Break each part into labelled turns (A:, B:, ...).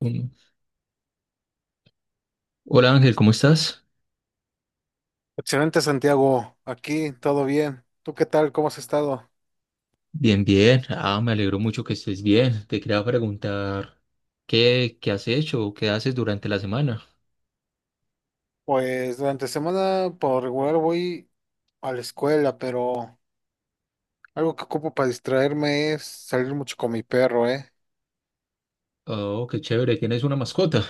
A: Uno. Hola Ángel, ¿cómo estás?
B: Excelente, Santiago. Aquí todo bien. ¿Tú qué tal? ¿Cómo has estado?
A: Bien, bien. Ah, me alegro mucho que estés bien. Te quería preguntar, ¿qué has hecho o qué haces durante la semana?
B: Pues durante semana por regular voy a la escuela, pero algo que ocupo para distraerme es salir mucho con mi perro, ¿eh?
A: Oh, qué chévere, ¿tienes una mascota?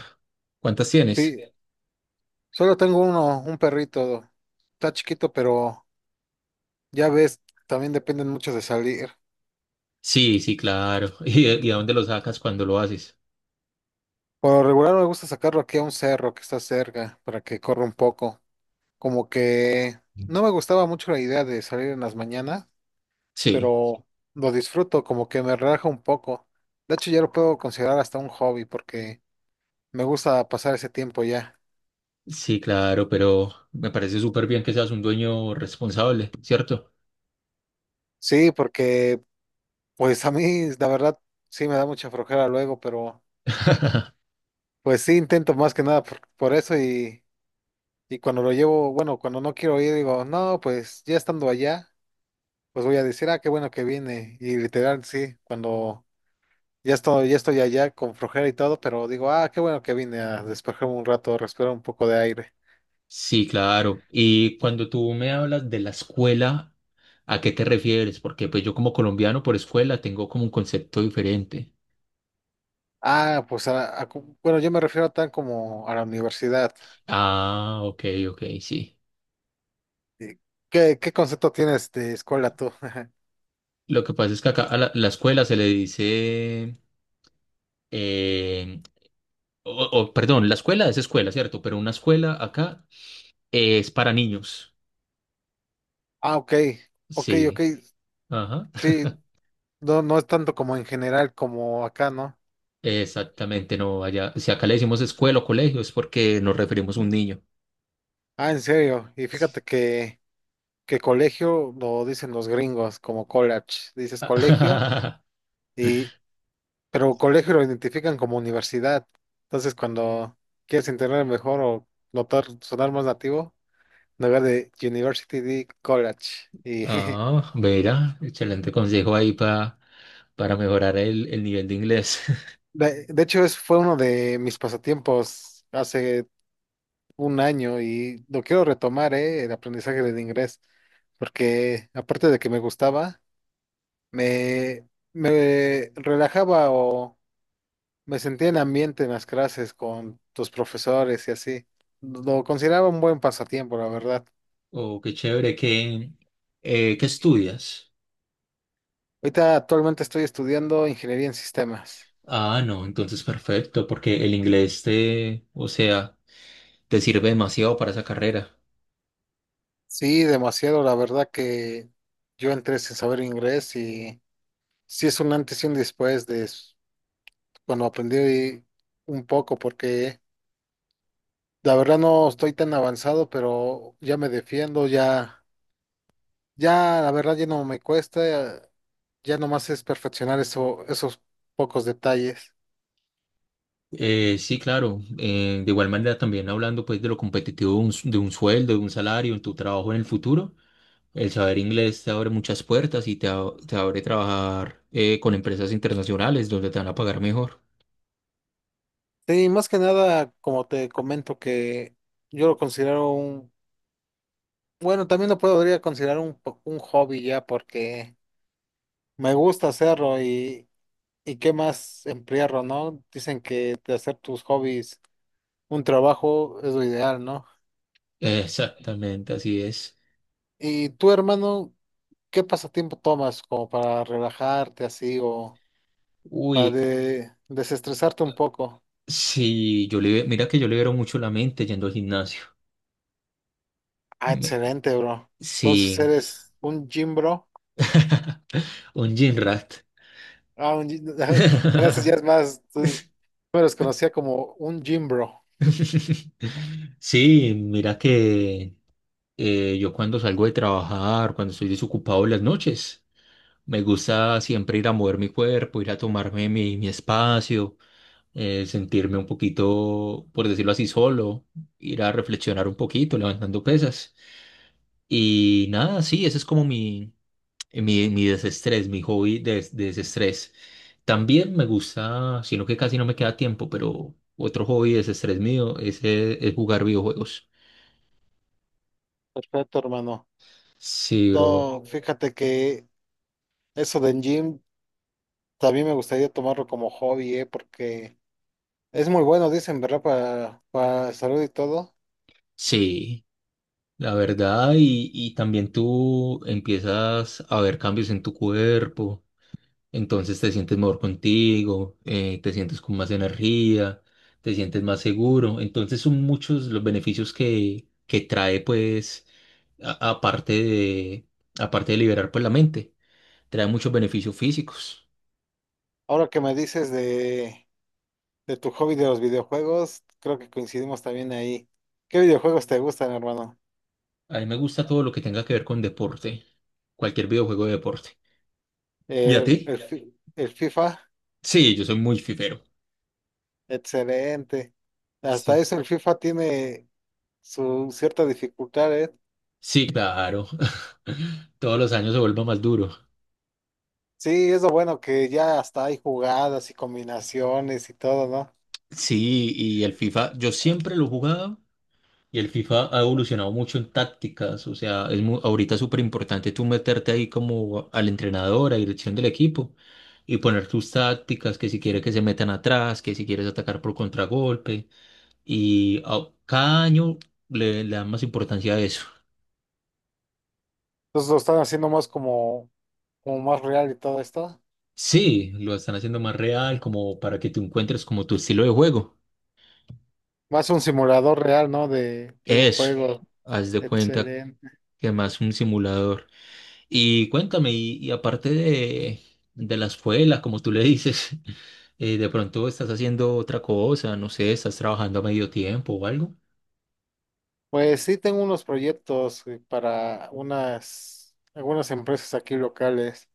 A: ¿Cuántas
B: Sí,
A: tienes?
B: solo tengo uno, un perrito. Está chiquito, pero ya ves, también dependen mucho de salir.
A: Sí, sí, claro. ¿Y a dónde lo sacas cuando lo haces?
B: Por lo regular me gusta sacarlo aquí a un cerro que está cerca para que corra un poco. Como que no me gustaba mucho la idea de salir en las mañanas,
A: Sí,
B: pero lo disfruto, como que me relaja un poco. De hecho, ya lo puedo considerar hasta un hobby porque me gusta pasar ese tiempo ya.
A: sí, claro, pero me parece súper bien que seas un dueño responsable, ¿cierto?
B: Sí, porque pues a mí la verdad sí me da mucha flojera luego, pero pues sí intento más que nada por eso, y cuando lo llevo, bueno, cuando no quiero ir digo, no, pues ya estando allá, pues voy a decir, ah, qué bueno que vine. Y literal, sí, cuando ya estoy allá con flojera y todo, pero digo, ah, qué bueno que vine a despejarme un rato, respirar un poco de aire.
A: Sí, claro. Y cuando tú me hablas de la escuela, ¿a qué te refieres? Porque pues yo como colombiano por escuela tengo como un concepto diferente.
B: Ah, pues yo me refiero a tan como a la universidad.
A: Ah, ok, ok, sí.
B: Eh, ¿Qué, qué concepto tienes de escuela tú?
A: Lo que pasa es que acá a la escuela se le dice, eh, o, perdón, la escuela es escuela, ¿cierto? Pero una escuela acá es para niños.
B: Ah, ok, ok, ok,
A: Sí, ajá.
B: sí, no, no es tanto como en general como acá, ¿no?
A: Exactamente, no, allá, si acá le decimos escuela o colegio es porque nos referimos a un niño.
B: Ah, en serio, y
A: Sí.
B: fíjate que colegio lo dicen los gringos como college, dices colegio, y, pero colegio lo identifican como universidad. Entonces, cuando quieres entender mejor o notar, sonar más nativo, en lugar de university, di college, y
A: Ah, verá, excelente consejo ahí para mejorar el nivel de inglés.
B: De hecho, es, fue uno de mis pasatiempos hace un año y lo quiero retomar, ¿eh? El aprendizaje del inglés, porque aparte de que me gustaba, me, me relajaba o me sentía en ambiente en las clases con tus profesores y así. Lo consideraba un buen pasatiempo, la verdad.
A: Oh, qué chévere, ¿ qué estudias?
B: Ahorita actualmente estoy estudiando ingeniería en sistemas.
A: Ah, no, entonces perfecto, porque el inglés o sea, te sirve demasiado para esa carrera.
B: Sí, demasiado, la verdad que yo entré sin saber inglés y sí es un antes y un después de bueno, aprendí un poco porque la verdad no estoy tan avanzado, pero ya me defiendo, ya, ya la verdad ya no me cuesta, ya nomás es perfeccionar eso, esos pocos detalles.
A: Sí, claro, de igual manera también hablando pues de lo competitivo de de un sueldo, de un salario, en tu trabajo en el futuro, el saber inglés te abre muchas puertas y te abre trabajar con empresas internacionales donde te van a pagar mejor.
B: Sí, más que nada, como te comento, que yo lo considero un, bueno, también lo podría considerar un, un hobby ya porque me gusta hacerlo y qué más emplearlo, ¿no? Dicen que de hacer tus hobbies un trabajo es lo ideal, ¿no?
A: Exactamente, así es.
B: Y tú, hermano, ¿qué pasatiempo tomas como para relajarte así o para
A: Uy,
B: desestresarte un poco?
A: sí, yo libero, mira que yo libero mucho la mente yendo al gimnasio.
B: Ah,
A: Me-
B: excelente, bro. Entonces
A: sí,
B: eres un gym bro.
A: un gym rat.
B: Ah, un Gracias, ya es más. Tú me los conocía como un gym bro.
A: Sí, mira que yo cuando salgo de trabajar, cuando estoy desocupado en las noches, me gusta siempre ir a mover mi cuerpo, ir a tomarme mi espacio, sentirme un poquito, por decirlo así, solo, ir a reflexionar un poquito, levantando pesas. Y nada, sí, ese es como mi desestrés, mi hobby de desestrés. También me gusta, sino que casi no me queda tiempo, pero otro hobby de desestrés mío es jugar videojuegos.
B: Perfecto, hermano.
A: Sí, bro.
B: No, fíjate que eso del gym también me gustaría tomarlo como hobby, ¿eh? Porque es muy bueno, dicen, ¿verdad? Para salud y todo.
A: Sí, la verdad, y también tú empiezas a ver cambios en tu cuerpo. Entonces te sientes mejor contigo, te sientes con más energía, te sientes más seguro. Entonces son muchos los beneficios que trae, pues, a- aparte de, aparte de liberar, pues, la mente. Trae muchos beneficios físicos.
B: Ahora que me dices de tu hobby de los videojuegos, creo que coincidimos también ahí. ¿Qué videojuegos te gustan, hermano?
A: A mí me gusta todo lo que tenga que ver con deporte, cualquier videojuego de deporte. ¿Y a ti?
B: El, el FIFA,
A: Sí, yo soy muy fifero.
B: excelente. Hasta
A: Sí.
B: eso el FIFA tiene su cierta dificultad, ¿eh?
A: Sí, claro. Todos los años se vuelve más duro.
B: Sí, es lo bueno que ya hasta hay jugadas y combinaciones y todo, ¿no?
A: Sí, y el FIFA, yo siempre lo he jugado. Y el FIFA ha evolucionado mucho en tácticas, o sea, ahorita es súper importante tú meterte ahí como al entrenador, a dirección del equipo y poner tus tácticas, que si quieres que se metan atrás, que si quieres atacar por contragolpe y cada año le dan más importancia a eso.
B: Entonces lo están haciendo más como, como más real y todo esto.
A: Sí, lo están haciendo más real como para que tú encuentres como tu estilo de juego.
B: Más un simulador real, ¿no? De un
A: Eso,
B: juego.
A: haz de cuenta que más un simulador. Y cuéntame, y aparte de la escuela, como tú le dices. Eh, de pronto estás haciendo otra cosa, no sé, estás trabajando a medio tiempo o algo.
B: Pues sí tengo unos proyectos para unas, algunas empresas aquí locales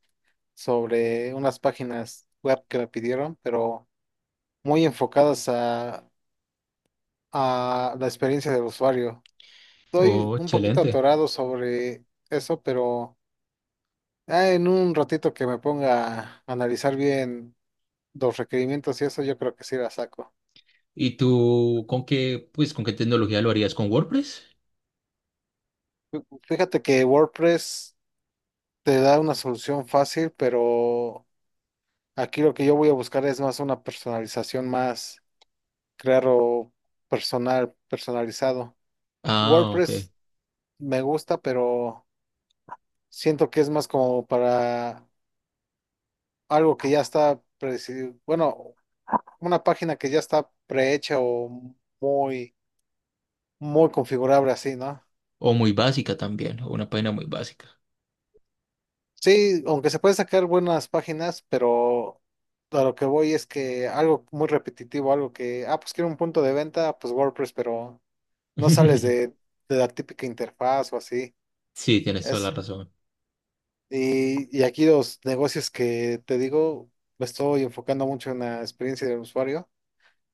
B: sobre unas páginas web que me pidieron, pero muy enfocadas a la experiencia del usuario. Estoy
A: Oh,
B: un poquito
A: excelente.
B: atorado sobre eso, pero ah, en un ratito que me ponga a analizar bien los requerimientos y eso, yo creo que sí la saco.
A: ¿Y tú con qué, pues, con qué tecnología lo harías? ¿Con WordPress?
B: Fíjate que WordPress te da una solución fácil, pero aquí lo que yo voy a buscar es más una personalización más, crearlo personal, personalizado.
A: Ah, ok.
B: WordPress me gusta, pero siento que es más como para algo que ya está, bueno, una página que ya está prehecha o muy, muy configurable así, ¿no?
A: O muy básica también, o una página muy básica.
B: Sí, aunque se pueden sacar buenas páginas, pero a lo que voy es que algo muy repetitivo, algo que, ah, pues quiero un punto de venta, pues WordPress, pero... no sales de la típica interfaz o así.
A: Sí, tienes toda
B: Es,
A: la razón.
B: y aquí los negocios que te digo, me estoy enfocando mucho en la experiencia del usuario.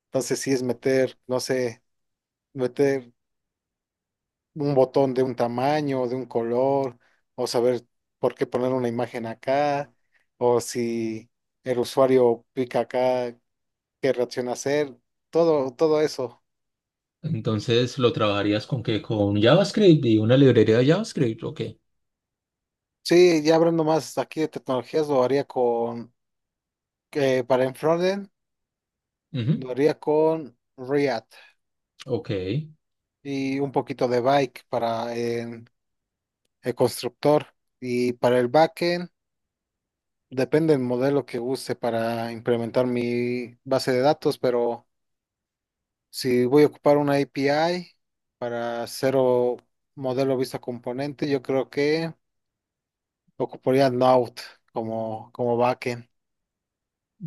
B: Entonces sí es meter, no sé, meter un botón de un tamaño, de un color, o saber por qué poner una imagen acá, o si el usuario pica acá, qué reacción hacer, todo, todo eso.
A: Entonces, ¿lo trabajarías con qué? ¿Con JavaScript y una librería de JavaScript? Ok.
B: Sí, ya hablando más aquí de tecnologías, lo haría con, que para en frontend
A: Ujú,
B: lo haría con React
A: ok.
B: y un poquito de Bike para el constructor. Y para el backend, depende del modelo que use para implementar mi base de datos, pero si voy a ocupar una API para hacer modelo vista componente, yo creo que ocuparía Node como, como backend.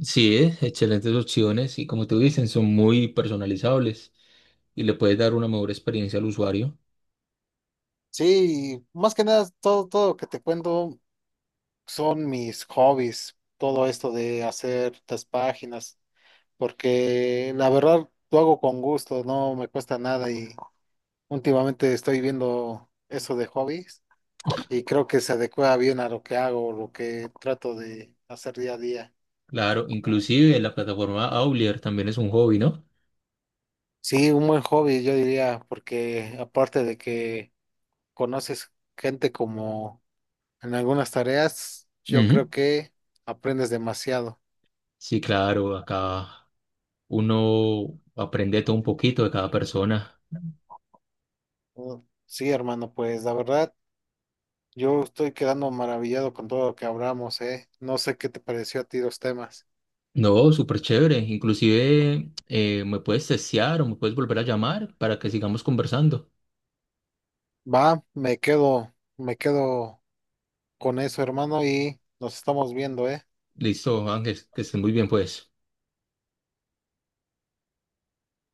A: Sí, excelentes opciones y como tú dices, son muy personalizables y le puedes dar una mejor experiencia al usuario.
B: Sí, y más que nada, todo, todo lo que te cuento son mis hobbies, todo esto de hacer estas páginas, porque la verdad lo hago con gusto, no me cuesta nada y últimamente estoy viendo eso de hobbies y creo que se adecua bien a lo que hago, lo que trato de hacer día a día.
A: Claro, inclusive la plataforma Aulier también es un hobby, ¿no?
B: Sí, un buen hobby, yo diría, porque aparte de que conoces gente como en algunas tareas, yo creo
A: Ujú.
B: que aprendes demasiado.
A: Sí, claro, acá uno aprende todo un poquito de cada persona.
B: Uh, Sí, hermano, pues la verdad, yo estoy quedando maravillado con todo lo que hablamos, ¿eh? No sé qué te pareció a ti los temas.
A: No, súper chévere. Inclusive me puedes testear o me puedes volver a llamar para que sigamos conversando.
B: Va, me quedo con eso, hermano, y nos estamos viendo, ¿eh?
A: Listo, Ángel, que estés muy bien, pues.